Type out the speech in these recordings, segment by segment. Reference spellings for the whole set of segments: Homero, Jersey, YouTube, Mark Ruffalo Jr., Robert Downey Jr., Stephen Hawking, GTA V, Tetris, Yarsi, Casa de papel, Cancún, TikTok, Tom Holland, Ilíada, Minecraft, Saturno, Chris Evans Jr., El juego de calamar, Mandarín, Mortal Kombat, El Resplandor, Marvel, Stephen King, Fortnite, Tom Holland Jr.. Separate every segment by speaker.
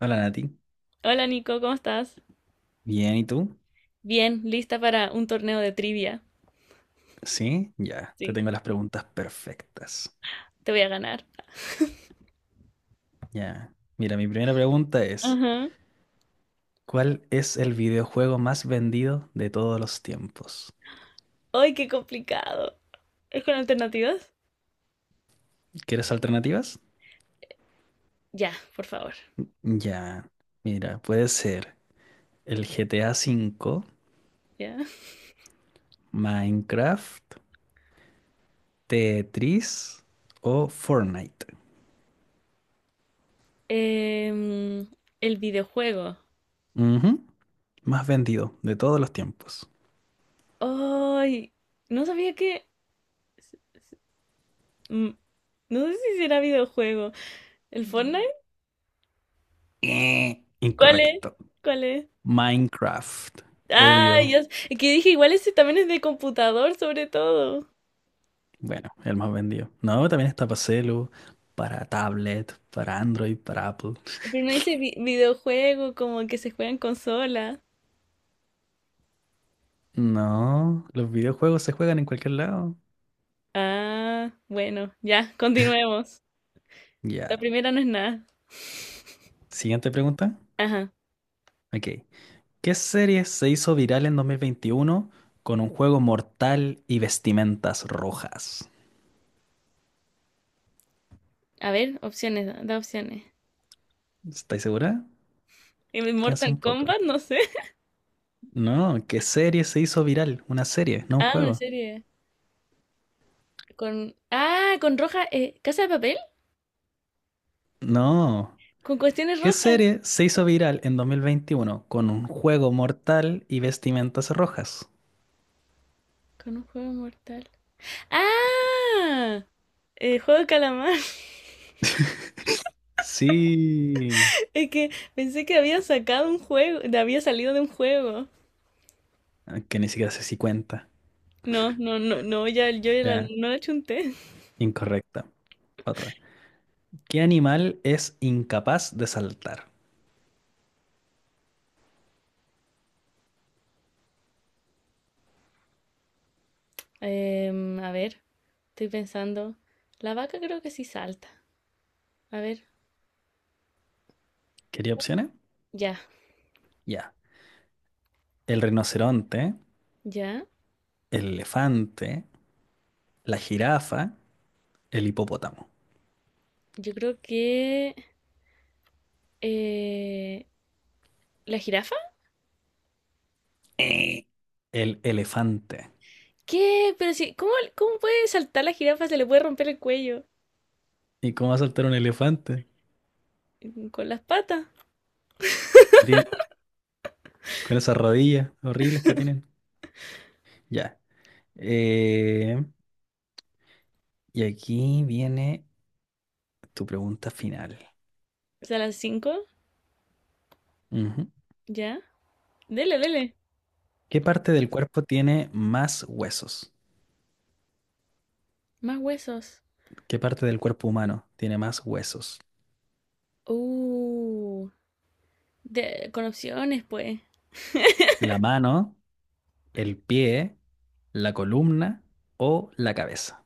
Speaker 1: Hola Nati,
Speaker 2: Hola Nico, ¿cómo estás?
Speaker 1: bien, ¿y tú?
Speaker 2: Bien, lista para un torneo de trivia.
Speaker 1: Sí, ya, te
Speaker 2: Sí,
Speaker 1: tengo las preguntas perfectas.
Speaker 2: te voy a ganar.
Speaker 1: Ya, mira, mi primera pregunta es,
Speaker 2: Ajá.
Speaker 1: ¿cuál es el videojuego más vendido de todos los tiempos?
Speaker 2: ¡Ay, qué complicado! ¿Es con alternativas?
Speaker 1: ¿Quieres alternativas?
Speaker 2: Ya, por favor.
Speaker 1: Ya, mira, puede ser el GTA V,
Speaker 2: Ya.
Speaker 1: Minecraft, Tetris o Fortnite.
Speaker 2: Em, el videojuego.
Speaker 1: Ujú, más vendido de todos los tiempos.
Speaker 2: ¡Ay! No sabía que. mm, No sé si será videojuego. ¿El Fortnite?
Speaker 1: Eh,
Speaker 2: ¿Cuál es?
Speaker 1: incorrecto.
Speaker 2: ¿Cuál es?
Speaker 1: Minecraft,
Speaker 2: Ah,
Speaker 1: obvio.
Speaker 2: yo que dije, igual ese también es de computador, sobre todo.
Speaker 1: Bueno, el más vendido. No, también está para celu, para tablet, para Android, para Apple.
Speaker 2: Pero no dice videojuego, como que se juega en consola.
Speaker 1: No, los videojuegos se juegan en cualquier lado.
Speaker 2: Ah, bueno, ya, continuemos. La
Speaker 1: Ya.
Speaker 2: primera no es nada.
Speaker 1: Siguiente pregunta.
Speaker 2: Ajá.
Speaker 1: Ok. ¿Qué serie se hizo viral en 2021 con un juego mortal y vestimentas rojas?
Speaker 2: A ver, opciones, da opciones.
Speaker 1: ¿Estáis segura?
Speaker 2: ¿En
Speaker 1: Piensa un
Speaker 2: Mortal
Speaker 1: poco.
Speaker 2: Kombat? No sé.
Speaker 1: No, ¿qué serie se hizo viral? Una serie, no un
Speaker 2: Ah, una
Speaker 1: juego.
Speaker 2: serie. Con. Ah, con roja. ¿Casa de papel?
Speaker 1: No.
Speaker 2: Con cuestiones
Speaker 1: ¿Qué
Speaker 2: rojas.
Speaker 1: serie se hizo viral en 2021 con un juego mortal y vestimentas rojas?
Speaker 2: Con un juego mortal. ¡Ah! El juego de calamar.
Speaker 1: Sí,
Speaker 2: Es que pensé que había sacado un juego, había salido de un juego.
Speaker 1: ah, que ni siquiera sé si cuenta.
Speaker 2: No, no, no, no, ya,
Speaker 1: Ya,
Speaker 2: no la chunté.
Speaker 1: incorrecta. Otra. ¿Qué animal es incapaz de saltar?
Speaker 2: A ver. Estoy pensando. La vaca creo que sí salta. A ver,
Speaker 1: ¿Quería opciones?
Speaker 2: ya,
Speaker 1: Ya. El rinoceronte,
Speaker 2: ya.
Speaker 1: el elefante, la jirafa, el hipopótamo.
Speaker 2: Yo creo que. eh, ¿La jirafa?
Speaker 1: Eh. El elefante.
Speaker 2: ¿Qué? Pero sí, ¿cómo puede saltar la jirafa? Se le puede romper el cuello.
Speaker 1: ¿Y cómo va a saltar un elefante?
Speaker 2: Con las patas.
Speaker 1: No tiene- con esas rodillas horribles que tienen. Ya. Eh, y aquí viene tu pregunta final.
Speaker 2: O sea, las cinco.
Speaker 1: Ujú.
Speaker 2: Ya. Dele, dele.
Speaker 1: ¿Qué parte del cuerpo tiene más huesos?
Speaker 2: Más huesos.
Speaker 1: ¿Qué parte del cuerpo humano tiene más huesos?
Speaker 2: Uh. Con opciones, pues.
Speaker 1: ¿La mano, el pie, la columna o la cabeza?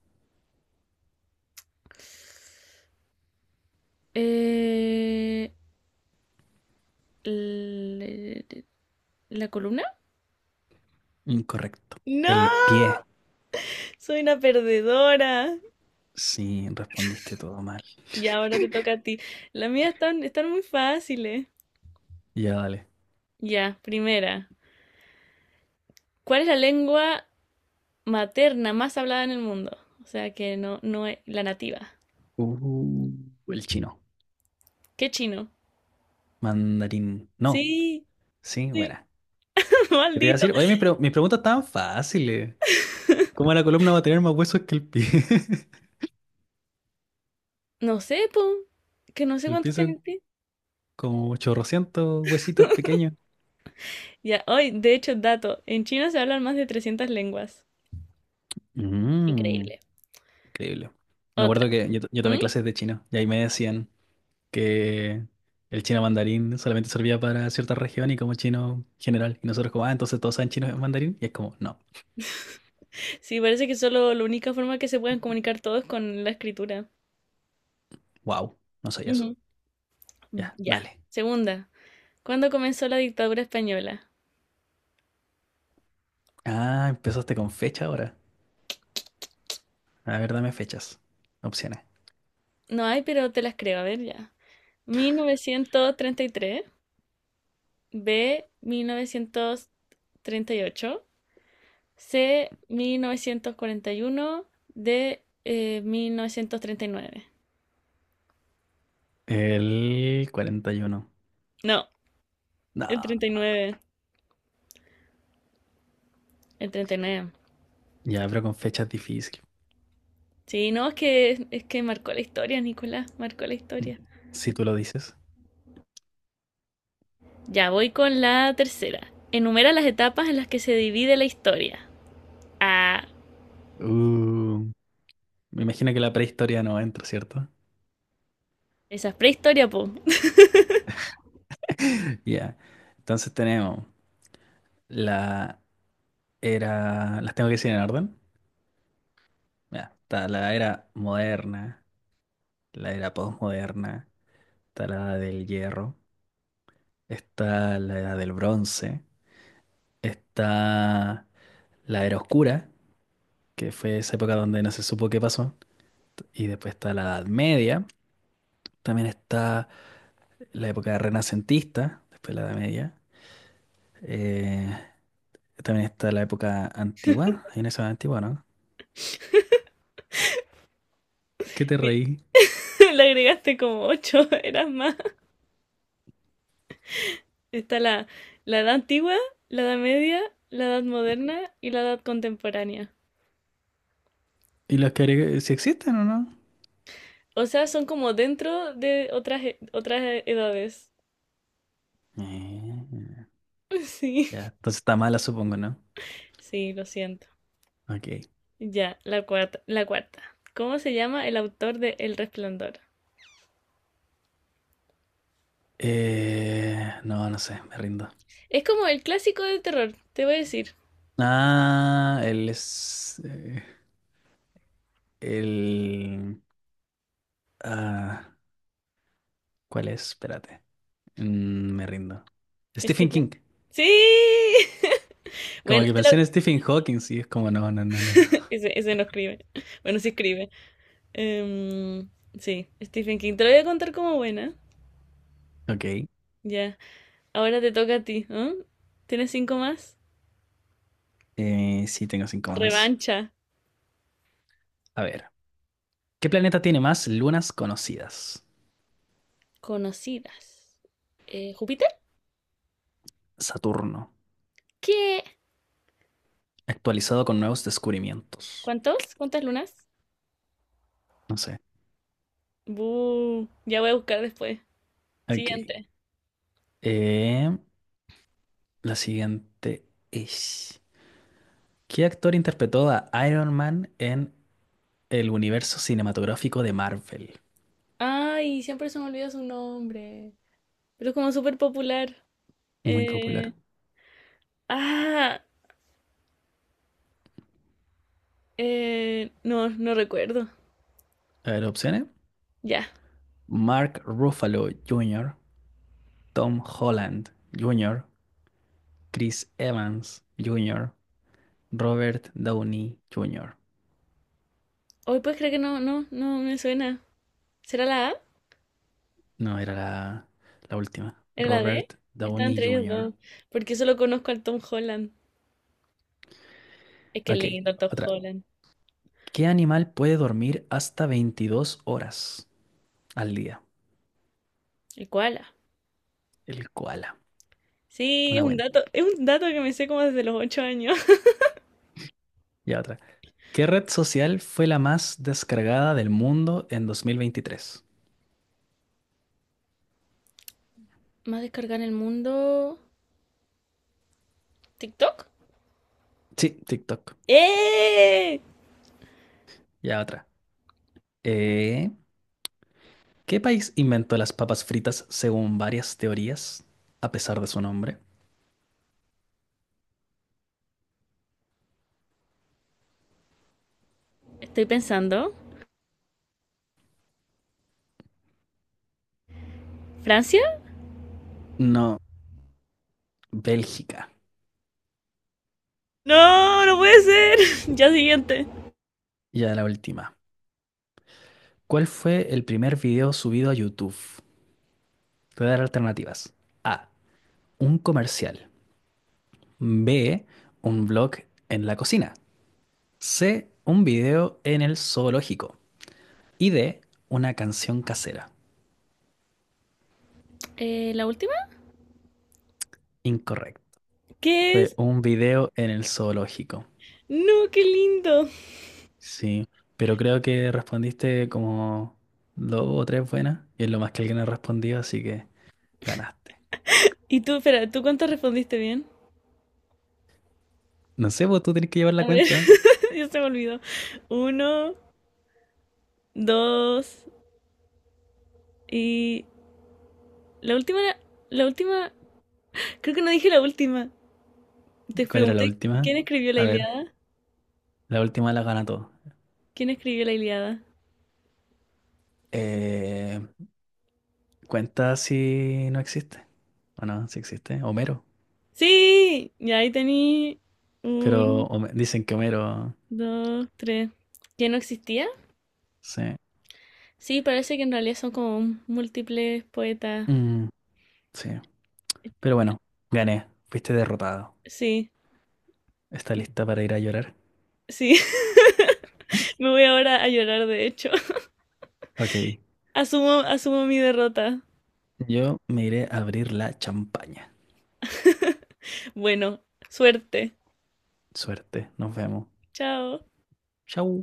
Speaker 2: Eh, l- ¿La columna?
Speaker 1: Incorrecto. El
Speaker 2: No,
Speaker 1: pie.
Speaker 2: soy una perdedora.
Speaker 1: Sí, respondiste todo mal.
Speaker 2: Ya ahora te toca a ti. Las mías están muy fáciles.
Speaker 1: Ya, dale.
Speaker 2: Ya, primera. ¿Cuál es la lengua materna más hablada en el mundo? O sea, que no, no es la nativa.
Speaker 1: Uh, el chino.
Speaker 2: ¿Qué chino?
Speaker 1: Mandarín. No.
Speaker 2: Sí,
Speaker 1: Sí,
Speaker 2: sí.
Speaker 1: buena. ¿Qué te iba a
Speaker 2: Maldito.
Speaker 1: decir? Oye, mis preguntas estaban fáciles. ¿Cómo la columna va a tener más huesos que el pie?
Speaker 2: No sé, po. Que no sé
Speaker 1: El pie
Speaker 2: cuánto tienen
Speaker 1: son
Speaker 2: pi-
Speaker 1: como 800 huesitos pequeños.
Speaker 2: Ya, hoy, de hecho, dato. En China se hablan más de 300 lenguas.
Speaker 1: Mm.
Speaker 2: Increíble.
Speaker 1: Increíble. Me acuerdo
Speaker 2: Otra.
Speaker 1: que yo tomé
Speaker 2: ¿Mm?
Speaker 1: clases de chino y ahí me decían que el chino mandarín solamente servía para cierta región y como chino general. Y nosotros como, ah, entonces todos saben chino mandarín. Y es como, no,
Speaker 2: Sí, parece que solo la única forma que se pueden comunicar todos es con la escritura.
Speaker 1: wow, no soy eso.
Speaker 2: Ujú.
Speaker 1: Ya,
Speaker 2: Ya.
Speaker 1: dale.
Speaker 2: Segunda. ¿Cuándo comenzó la dictadura española?
Speaker 1: Ah, empezaste con fecha ahora. A ver, dame fechas. Opciones.
Speaker 2: No hay, pero te las creo. A ver, ya. 1933, B, 1938, C, 1941, D, 1939.
Speaker 1: El 41.
Speaker 2: No, el
Speaker 1: No.
Speaker 2: 39, el 39.
Speaker 1: Ya, pero con fechas difícil.
Speaker 2: Sí, no, es que marcó la historia, Nicolás, marcó la
Speaker 1: Mm.
Speaker 2: historia.
Speaker 1: Si tú lo dices.
Speaker 2: Ya voy con la tercera. Enumera las etapas en las que se divide la historia. Ah,
Speaker 1: Uh, me imagino que la prehistoria no entra, ¿cierto?
Speaker 2: esa es prehistoria, po.
Speaker 1: Ya. Entonces tenemos. La era. Las tengo que decir en orden. Mira, está la era moderna, la era posmoderna, está la edad del hierro, está la edad del bronce, está la era oscura, que fue esa época donde no se supo qué pasó, y después está la edad media, también está la época renacentista, después la edad media, eh, también está la época antigua, hay una edad antigua, ¿no? ¿Qué te reí?
Speaker 2: Le agregaste como ocho, eras más. Está la edad antigua, la edad media, la edad moderna y la edad contemporánea.
Speaker 1: ¿Y las que agregué, si existen o no?
Speaker 2: O sea, son como dentro de otras, otras edades.
Speaker 1: Eh.
Speaker 2: Sí,
Speaker 1: Ya, entonces está mala, supongo, ¿no?
Speaker 2: sí, lo siento.
Speaker 1: Ok.
Speaker 2: Ya, la cuarta, la cuarta. ¿Cómo se llama el autor de El Resplandor?
Speaker 1: No, no sé, me rindo.
Speaker 2: Es como el clásico del terror, te voy a decir.
Speaker 1: Ah, él es, el... Ah, ¿cuál es? Espérate. Me rindo.
Speaker 2: Es que.
Speaker 1: Stephen King.
Speaker 2: Sí.
Speaker 1: Como
Speaker 2: Bueno,
Speaker 1: que
Speaker 2: te lo-
Speaker 1: pensé en Stephen Hawking, sí, es como no, no, no, no.
Speaker 2: Ese no escribe. Bueno, sí escribe. Em, sí, Stephen King. Te lo voy a contar como buena.
Speaker 1: Ok.
Speaker 2: Ya. Ahora te toca a ti, ¿eh? ¿Tienes cinco más?
Speaker 1: Sí, tengo cinco más.
Speaker 2: Revancha.
Speaker 1: A ver. ¿Qué planeta tiene más lunas conocidas?
Speaker 2: Conocidas. ¿Júpiter?
Speaker 1: Saturno.
Speaker 2: ¿Qué?
Speaker 1: Actualizado con nuevos descubrimientos.
Speaker 2: ¿Cuántos? ¿Cuántas lunas?
Speaker 1: No sé.
Speaker 2: Bu, ya voy a buscar después.
Speaker 1: Ok.
Speaker 2: Siguiente.
Speaker 1: Em, La siguiente es: ¿qué actor interpretó a Iron Man en el universo cinematográfico de Marvel?
Speaker 2: Ay, siempre se me olvida su nombre. Pero es como súper popular.
Speaker 1: Muy popular.
Speaker 2: Eh, ah, no, no recuerdo.
Speaker 1: A ver, opciones.
Speaker 2: Ya.
Speaker 1: Mark Ruffalo Jr., Tom Holland Jr., Chris Evans Jr., Robert Downey Jr.
Speaker 2: Hoy puedes creer que no, no, no me suena. ¿Será la A?
Speaker 1: No, era la última.
Speaker 2: ¿Era la D?
Speaker 1: Robert
Speaker 2: Estaba
Speaker 1: Downey
Speaker 2: entre ellos
Speaker 1: Jr.
Speaker 2: dos. Porque solo conozco al Tom Holland. Es que es
Speaker 1: Ok,
Speaker 2: lindo el Tom
Speaker 1: otra.
Speaker 2: Holland.
Speaker 1: ¿Qué animal puede dormir hasta 22 horas al día?
Speaker 2: El koala.
Speaker 1: El koala.
Speaker 2: Sí,
Speaker 1: Una buena.
Speaker 2: es un dato que me sé como desde los 8 años.
Speaker 1: Ya otra. ¿Qué red social fue la más descargada del mundo en 2023?
Speaker 2: Más descargada en el mundo. ¿TikTok?
Speaker 1: Sí, TikTok.
Speaker 2: ¡Eh!
Speaker 1: Ya otra. Eh, ¿Qué país inventó las papas fritas según varias teorías, a pesar de su nombre?
Speaker 2: Estoy pensando. ¿Francia?
Speaker 1: No, Bélgica.
Speaker 2: No, no puede ser. Ya siguiente.
Speaker 1: Ya la última. ¿Cuál fue el primer video subido a YouTube? Te voy a dar alternativas. A. Un comercial. B. Un blog en la cocina. C. Un video en el zoológico. Y D. Una canción casera.
Speaker 2: ¿La última?
Speaker 1: Incorrecto.
Speaker 2: ¿Qué
Speaker 1: Fue
Speaker 2: es?
Speaker 1: un video en el zoológico,
Speaker 2: No, qué lindo.
Speaker 1: sí. Pero creo que respondiste como dos o tres buenas, y es lo más que alguien ha respondido, así que ganaste.
Speaker 2: Y tú, espera, ¿tú cuánto respondiste bien?
Speaker 1: No sé, vos tú tenés que llevar la
Speaker 2: A ver,
Speaker 1: cuenta.
Speaker 2: ya se me olvidó. Uno, dos y la última, la última, creo que no dije la última. Te
Speaker 1: ¿Cuál era la
Speaker 2: pregunté
Speaker 1: última?
Speaker 2: quién escribió la
Speaker 1: A ver,
Speaker 2: Ilíada.
Speaker 1: la última la gana todo.
Speaker 2: ¿Quién escribió la Ilíada?
Speaker 1: Eh, cuenta si no existe. O no, si existe. Homero.
Speaker 2: Sí, y ahí tení
Speaker 1: Pero
Speaker 2: un,
Speaker 1: Home- dicen que Homero.
Speaker 2: dos, tres. ¿Quién no existía?
Speaker 1: Sí.
Speaker 2: Sí, parece que en realidad son como múltiples poetas.
Speaker 1: Mm, sí. Pero bueno, gané. Fuiste derrotado.
Speaker 2: Sí,
Speaker 1: ¿Está lista para ir a llorar?
Speaker 2: sí, me voy ahora a llorar de hecho.
Speaker 1: Ok.
Speaker 2: Asumo, asumo mi derrota.
Speaker 1: Yo me iré a abrir la champaña.
Speaker 2: Bueno, suerte.
Speaker 1: Suerte, nos vemos.
Speaker 2: Chao.
Speaker 1: Chau.